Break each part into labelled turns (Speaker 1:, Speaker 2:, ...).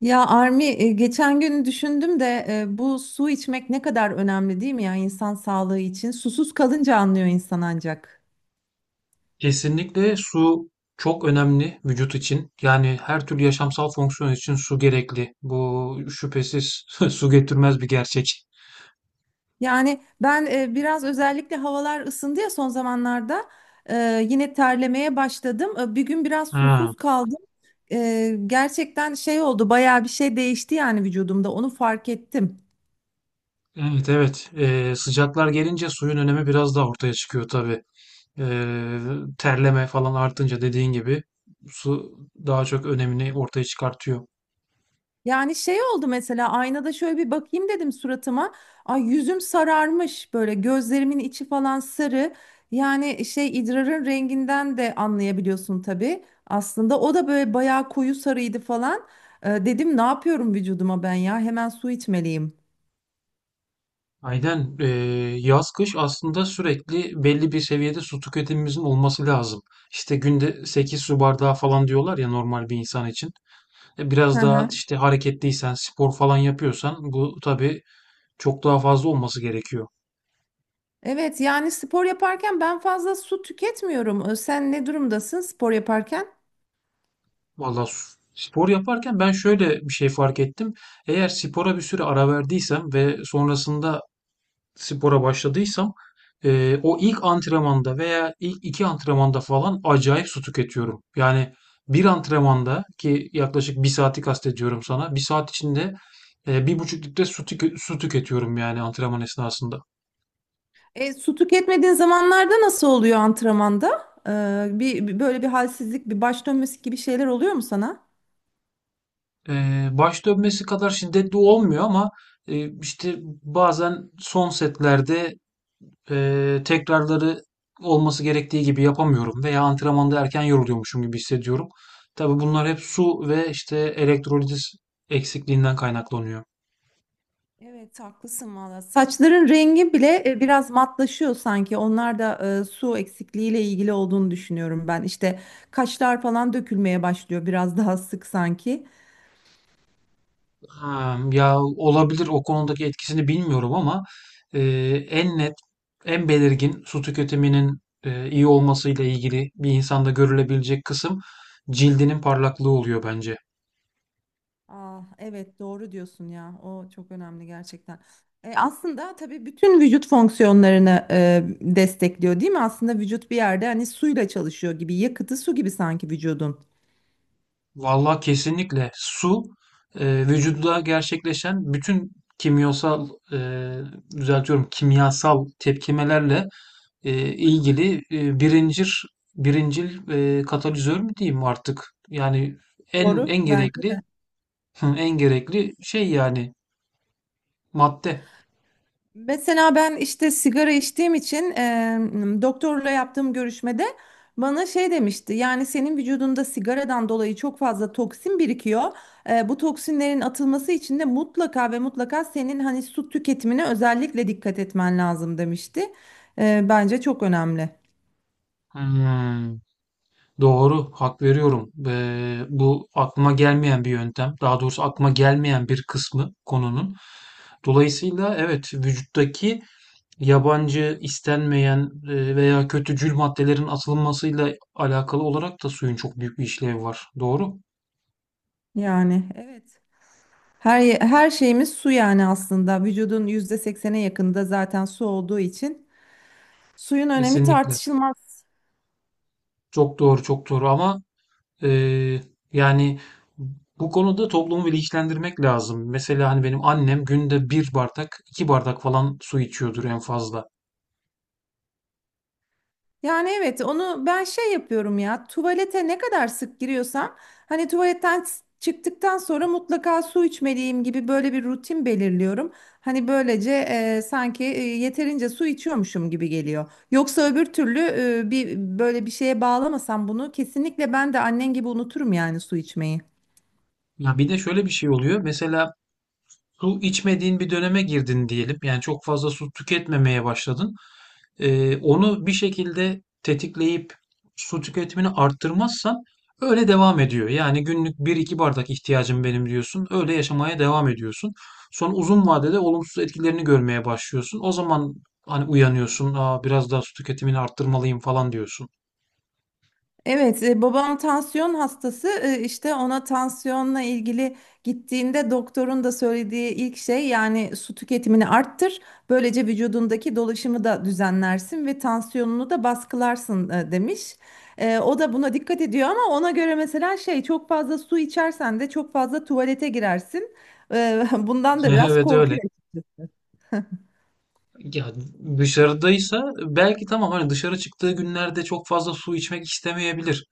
Speaker 1: Ya Armi geçen gün düşündüm de bu su içmek ne kadar önemli değil mi ya insan sağlığı için? Susuz kalınca anlıyor insan ancak.
Speaker 2: Kesinlikle su çok önemli vücut için. Yani her türlü yaşamsal fonksiyon için su gerekli. Bu şüphesiz su getirmez bir gerçek.
Speaker 1: Yani ben biraz özellikle havalar ısındı ya son zamanlarda yine terlemeye başladım. Bir gün biraz
Speaker 2: Ha,
Speaker 1: susuz kaldım. Gerçekten şey oldu bayağı bir şey değişti yani vücudumda onu fark ettim.
Speaker 2: evet, evet. Sıcaklar gelince suyun önemi biraz daha ortaya çıkıyor tabii. Ee, Terleme falan artınca, dediğin gibi, su daha çok önemini ortaya çıkartıyor.
Speaker 1: Yani şey oldu mesela aynada şöyle bir bakayım dedim suratıma. Ay yüzüm sararmış böyle gözlerimin içi falan sarı. Yani şey idrarın renginden de anlayabiliyorsun tabii. Aslında o da böyle bayağı koyu sarıydı falan. Dedim ne yapıyorum vücuduma ben ya hemen su içmeliyim.
Speaker 2: Aynen. Yaz kış aslında sürekli belli bir seviyede su tüketimimizin olması lazım. İşte günde 8 su bardağı falan diyorlar ya, normal bir insan için.
Speaker 1: Hı
Speaker 2: Biraz daha
Speaker 1: hı.
Speaker 2: işte hareketliysen, spor falan yapıyorsan bu tabii çok daha fazla olması gerekiyor.
Speaker 1: Evet yani spor yaparken ben fazla su tüketmiyorum. Sen ne durumdasın spor yaparken?
Speaker 2: Vallahi spor yaparken ben şöyle bir şey fark ettim. Eğer spora bir süre ara verdiysem ve sonrasında spora başladıysam, o ilk antrenmanda veya ilk iki antrenmanda falan acayip su tüketiyorum. Yani bir antrenmanda, ki yaklaşık bir saati kastediyorum sana. Bir saat içinde 1,5 litre su tüketiyorum, yani antrenman esnasında.
Speaker 1: Su tüketmediğin zamanlarda nasıl oluyor antrenmanda? Böyle bir halsizlik, bir baş dönmesi gibi şeyler oluyor mu sana?
Speaker 2: Baş dönmesi kadar şiddetli olmuyor ama işte bazen son setlerde tekrarları olması gerektiği gibi yapamıyorum veya antrenmanda erken yoruluyormuşum gibi hissediyorum. Tabii bunlar hep su ve işte elektrolit eksikliğinden kaynaklanıyor.
Speaker 1: Evet, haklısın valla. Saçların rengi bile biraz matlaşıyor sanki. Onlar da su eksikliğiyle ilgili olduğunu düşünüyorum ben. İşte kaşlar falan dökülmeye başlıyor biraz daha sık sanki.
Speaker 2: Ha, ya olabilir, o konudaki etkisini bilmiyorum ama e, en net, en belirgin su tüketiminin iyi olmasıyla ilgili bir insanda görülebilecek kısım, cildinin parlaklığı oluyor bence.
Speaker 1: Ah, evet doğru diyorsun ya. O çok önemli gerçekten. Aslında tabii bütün vücut fonksiyonlarını destekliyor değil mi? Aslında vücut bir yerde hani suyla çalışıyor gibi. Yakıtı su gibi sanki vücudun.
Speaker 2: Vallahi kesinlikle su vücuda gerçekleşen bütün kimyasal, düzeltiyorum, kimyasal tepkimelerle ilgili birincil katalizör mü diyeyim artık? Yani en
Speaker 1: Doğru.
Speaker 2: en gerekli. Hı, en gerekli şey, yani madde.
Speaker 1: Mesela ben işte sigara içtiğim için doktorla yaptığım görüşmede bana şey demişti. Yani senin vücudunda sigaradan dolayı çok fazla toksin birikiyor. Bu toksinlerin atılması için de mutlaka ve mutlaka senin hani su tüketimine özellikle dikkat etmen lazım demişti. Bence çok önemli.
Speaker 2: Hmm, doğru, hak veriyorum. Bu aklıma gelmeyen bir yöntem. Daha doğrusu aklıma gelmeyen bir kısmı konunun. Dolayısıyla evet, vücuttaki yabancı, istenmeyen veya kötücül maddelerin atılmasıyla alakalı olarak da suyun çok büyük bir işlevi var. Doğru.
Speaker 1: Yani evet. Her şeyimiz su yani aslında. Vücudun %80'e yakında zaten su olduğu için suyun önemi
Speaker 2: Kesinlikle.
Speaker 1: tartışılmaz.
Speaker 2: Çok doğru, çok doğru, ama Eee, yani bu konuda toplumu bilinçlendirmek lazım. Mesela hani benim annem günde bir bardak, iki bardak falan su içiyordur en fazla.
Speaker 1: Yani evet onu ben şey yapıyorum ya tuvalete ne kadar sık giriyorsam hani çıktıktan sonra mutlaka su içmeliyim gibi böyle bir rutin belirliyorum. Hani böylece sanki yeterince su içiyormuşum gibi geliyor. Yoksa öbür türlü e, bir böyle bir şeye bağlamasam bunu kesinlikle ben de annen gibi unuturum yani su içmeyi.
Speaker 2: Ya bir de şöyle bir şey oluyor. Mesela su içmediğin bir döneme girdin diyelim. Yani çok fazla su tüketmemeye başladın. Onu bir şekilde tetikleyip su tüketimini arttırmazsan öyle devam ediyor. Yani günlük bir iki bardak ihtiyacım benim diyorsun. Öyle yaşamaya devam ediyorsun. Sonra uzun vadede olumsuz etkilerini görmeye başlıyorsun. O zaman hani uyanıyorsun. Aa, biraz daha su tüketimini arttırmalıyım falan diyorsun.
Speaker 1: Evet, babam tansiyon hastası. İşte ona tansiyonla ilgili gittiğinde doktorun da söylediği ilk şey yani su tüketimini arttır. Böylece vücudundaki dolaşımı da düzenlersin ve tansiyonunu da baskılarsın demiş. O da buna dikkat ediyor ama ona göre mesela şey çok fazla su içersen de çok fazla tuvalete girersin. Bundan da biraz
Speaker 2: Evet, öyle.
Speaker 1: korkuyor.
Speaker 2: Ya dışarıdaysa belki tamam, hani dışarı çıktığı günlerde çok fazla su içmek istemeyebilir.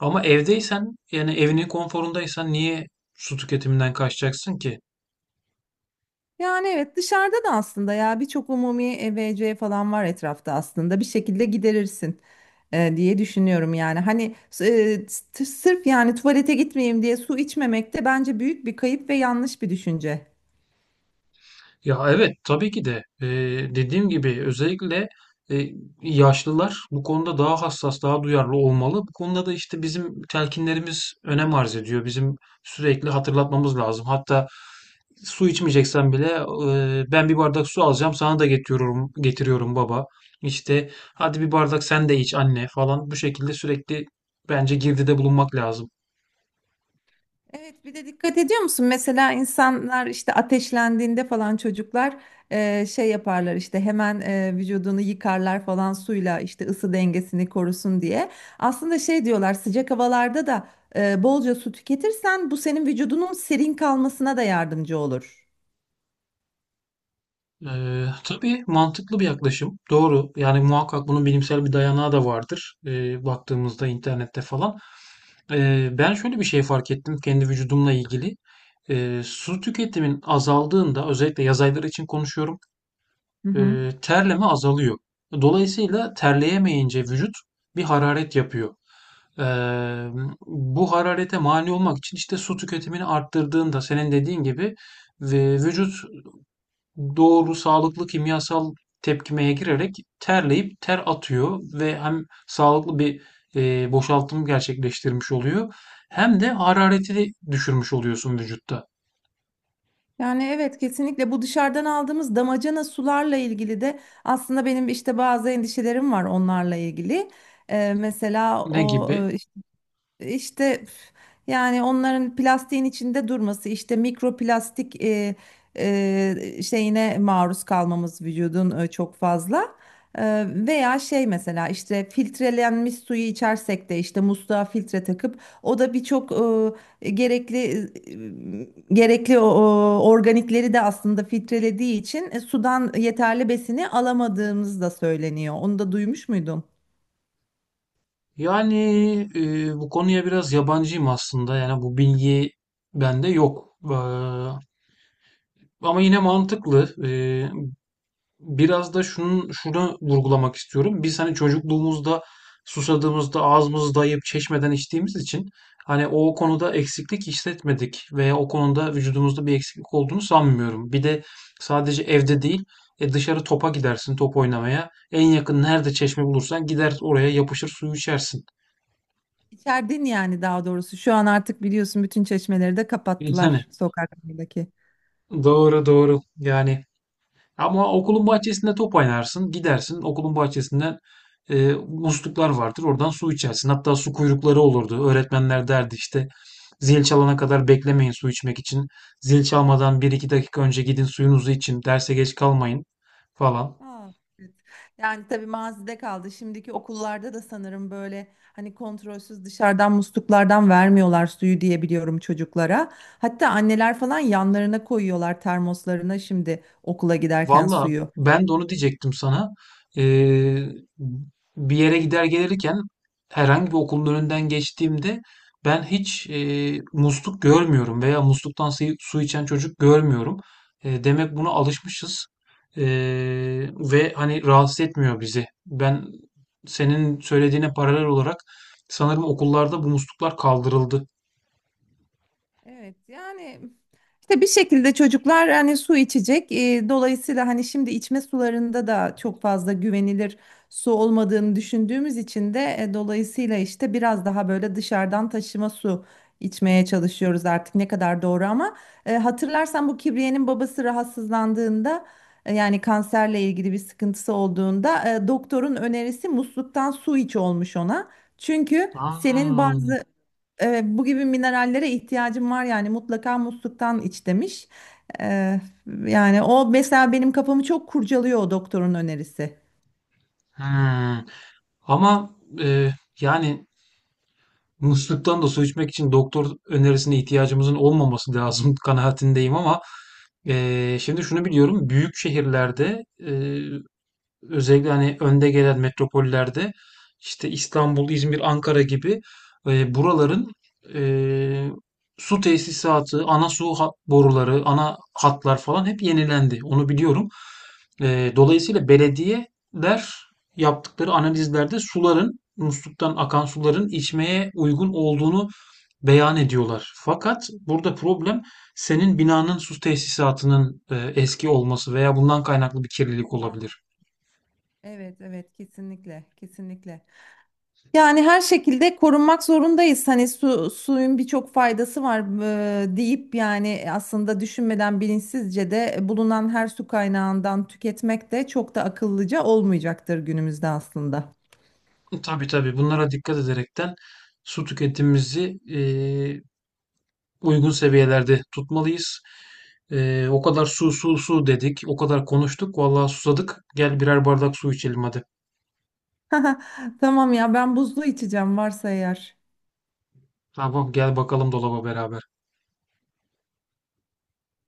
Speaker 2: Ama evdeysen, yani evinin konforundaysan, niye su tüketiminden kaçacaksın ki?
Speaker 1: Yani evet dışarıda da aslında ya birçok umumi EVC falan var etrafta aslında bir şekilde giderirsin diye düşünüyorum yani hani sırf yani tuvalete gitmeyeyim diye su içmemek de bence büyük bir kayıp ve yanlış bir düşünce.
Speaker 2: Ya evet, tabii ki de. Dediğim gibi özellikle e, yaşlılar bu konuda daha hassas, daha duyarlı olmalı. Bu konuda da işte bizim telkinlerimiz önem arz ediyor. Bizim sürekli hatırlatmamız lazım. Hatta su içmeyeceksen bile ben bir bardak su alacağım, sana da getiriyorum, getiriyorum baba. İşte hadi, bir bardak sen de iç anne falan, bu şekilde sürekli bence girdide bulunmak lazım.
Speaker 1: Evet, bir de dikkat ediyor musun? Mesela insanlar işte ateşlendiğinde falan çocuklar şey yaparlar işte hemen vücudunu yıkarlar falan suyla işte ısı dengesini korusun diye. Aslında şey diyorlar sıcak havalarda da bolca su tüketirsen bu senin vücudunun serin kalmasına da yardımcı olur.
Speaker 2: Tabii, mantıklı bir yaklaşım. Doğru. Yani muhakkak bunun bilimsel bir dayanağı da vardır. Baktığımızda internette falan. Ben şöyle bir şey fark ettim kendi vücudumla ilgili. Su tüketimin azaldığında, özellikle yaz ayları için konuşuyorum,
Speaker 1: Hı hı.
Speaker 2: terleme azalıyor. Dolayısıyla terleyemeyince vücut bir hararet yapıyor. Ee, Bu hararete mani olmak için işte su tüketimini arttırdığında, senin dediğin gibi, ve vücut, doğru, sağlıklı kimyasal tepkimeye girerek terleyip ter atıyor ve hem sağlıklı bir, boşaltım gerçekleştirmiş oluyor, hem de harareti de düşürmüş oluyorsun vücutta.
Speaker 1: Yani evet kesinlikle bu dışarıdan aldığımız damacana sularla ilgili de aslında benim işte bazı endişelerim var onlarla ilgili. E, mesela
Speaker 2: Ne
Speaker 1: o
Speaker 2: gibi?
Speaker 1: İşte üf, yani onların plastiğin içinde durması işte mikroplastik şeyine maruz kalmamız vücudun çok fazla. Veya şey mesela işte filtrelenmiş suyu içersek de işte musluğa filtre takıp o da birçok gerekli o organikleri de aslında filtrelediği için sudan yeterli besini alamadığımız da söyleniyor. Onu da duymuş muydun?
Speaker 2: Yani, bu konuya biraz yabancıyım aslında. Yani bu bilgi bende yok. Ama yine mantıklı. Biraz da şunu vurgulamak istiyorum. Biz hani çocukluğumuzda susadığımızda ağzımızı dayayıp çeşmeden içtiğimiz için hani o konuda eksiklik hissetmedik veya o konuda vücudumuzda bir eksiklik olduğunu sanmıyorum. Bir de sadece evde değil, dışarı topa gidersin, top oynamaya. En yakın nerede çeşme bulursan gider oraya yapışır, suyu içersin.
Speaker 1: İçerdin yani daha doğrusu. Şu an artık biliyorsun bütün çeşmeleri de
Speaker 2: Yani hani,
Speaker 1: kapattılar sokaklardaki.
Speaker 2: doğru doğru. Yani, ama okulun bahçesinde top oynarsın, gidersin okulun bahçesinden, musluklar vardır, oradan su içersin. Hatta su kuyrukları olurdu. Öğretmenler derdi işte, zil çalana kadar beklemeyin su içmek için. Zil çalmadan bir iki dakika önce gidin, suyunuzu için, derse geç kalmayın falan.
Speaker 1: Aa, evet. Yani tabii mazide kaldı. Şimdiki okullarda da sanırım böyle hani kontrolsüz dışarıdan musluklardan vermiyorlar suyu diye biliyorum çocuklara. Hatta anneler falan yanlarına koyuyorlar termoslarına şimdi okula giderken
Speaker 2: Valla
Speaker 1: suyu.
Speaker 2: ben de onu diyecektim sana. Ee, Bir yere gider gelirken, herhangi bir okulun önünden geçtiğimde, ben hiç musluk görmüyorum veya musluktan su içen çocuk görmüyorum. Demek buna alışmışız E, ve hani rahatsız etmiyor bizi. Ben senin söylediğine paralel olarak sanırım okullarda bu musluklar kaldırıldı.
Speaker 1: Evet yani işte bir şekilde çocuklar hani su içecek. Dolayısıyla hani şimdi içme sularında da çok fazla güvenilir su olmadığını düşündüğümüz için de dolayısıyla işte biraz daha böyle dışarıdan taşıma su içmeye çalışıyoruz artık ne kadar doğru ama hatırlarsan bu Kibriye'nin babası rahatsızlandığında yani kanserle ilgili bir sıkıntısı olduğunda doktorun önerisi musluktan su iç olmuş ona. Çünkü senin
Speaker 2: Aa,
Speaker 1: bazı bu gibi minerallere ihtiyacım var yani mutlaka musluktan iç demiş. E, Yani o mesela benim kafamı çok kurcalıyor o doktorun önerisi.
Speaker 2: hmm. Ama e, yani, musluktan da su içmek için doktor önerisine ihtiyacımızın olmaması lazım kanaatindeyim, ama şimdi şunu biliyorum. Büyük şehirlerde, özellikle hani önde gelen metropollerde, işte İstanbul, İzmir, Ankara gibi, buraların e, su tesisatı, ana su boruları, ana hatlar falan hep yenilendi. Onu biliyorum. Dolayısıyla belediyeler yaptıkları analizlerde suların, musluktan akan suların içmeye uygun olduğunu beyan ediyorlar. Fakat burada problem, senin binanın su tesisatının eski olması veya bundan kaynaklı bir kirlilik olabilir.
Speaker 1: Evet evet kesinlikle kesinlikle. Yani her şekilde korunmak zorundayız. Hani su, suyun birçok faydası var deyip yani aslında düşünmeden bilinçsizce de bulunan her su kaynağından tüketmek de çok da akıllıca olmayacaktır günümüzde aslında.
Speaker 2: Tabii tabii, bunlara dikkat ederekten su tüketimimizi uygun seviyelerde tutmalıyız. O kadar su su su dedik, o kadar konuştuk, vallahi susadık. Gel birer bardak su içelim hadi.
Speaker 1: Tamam ya ben buzlu içeceğim varsa eğer.
Speaker 2: Tamam, gel bakalım dolaba beraber.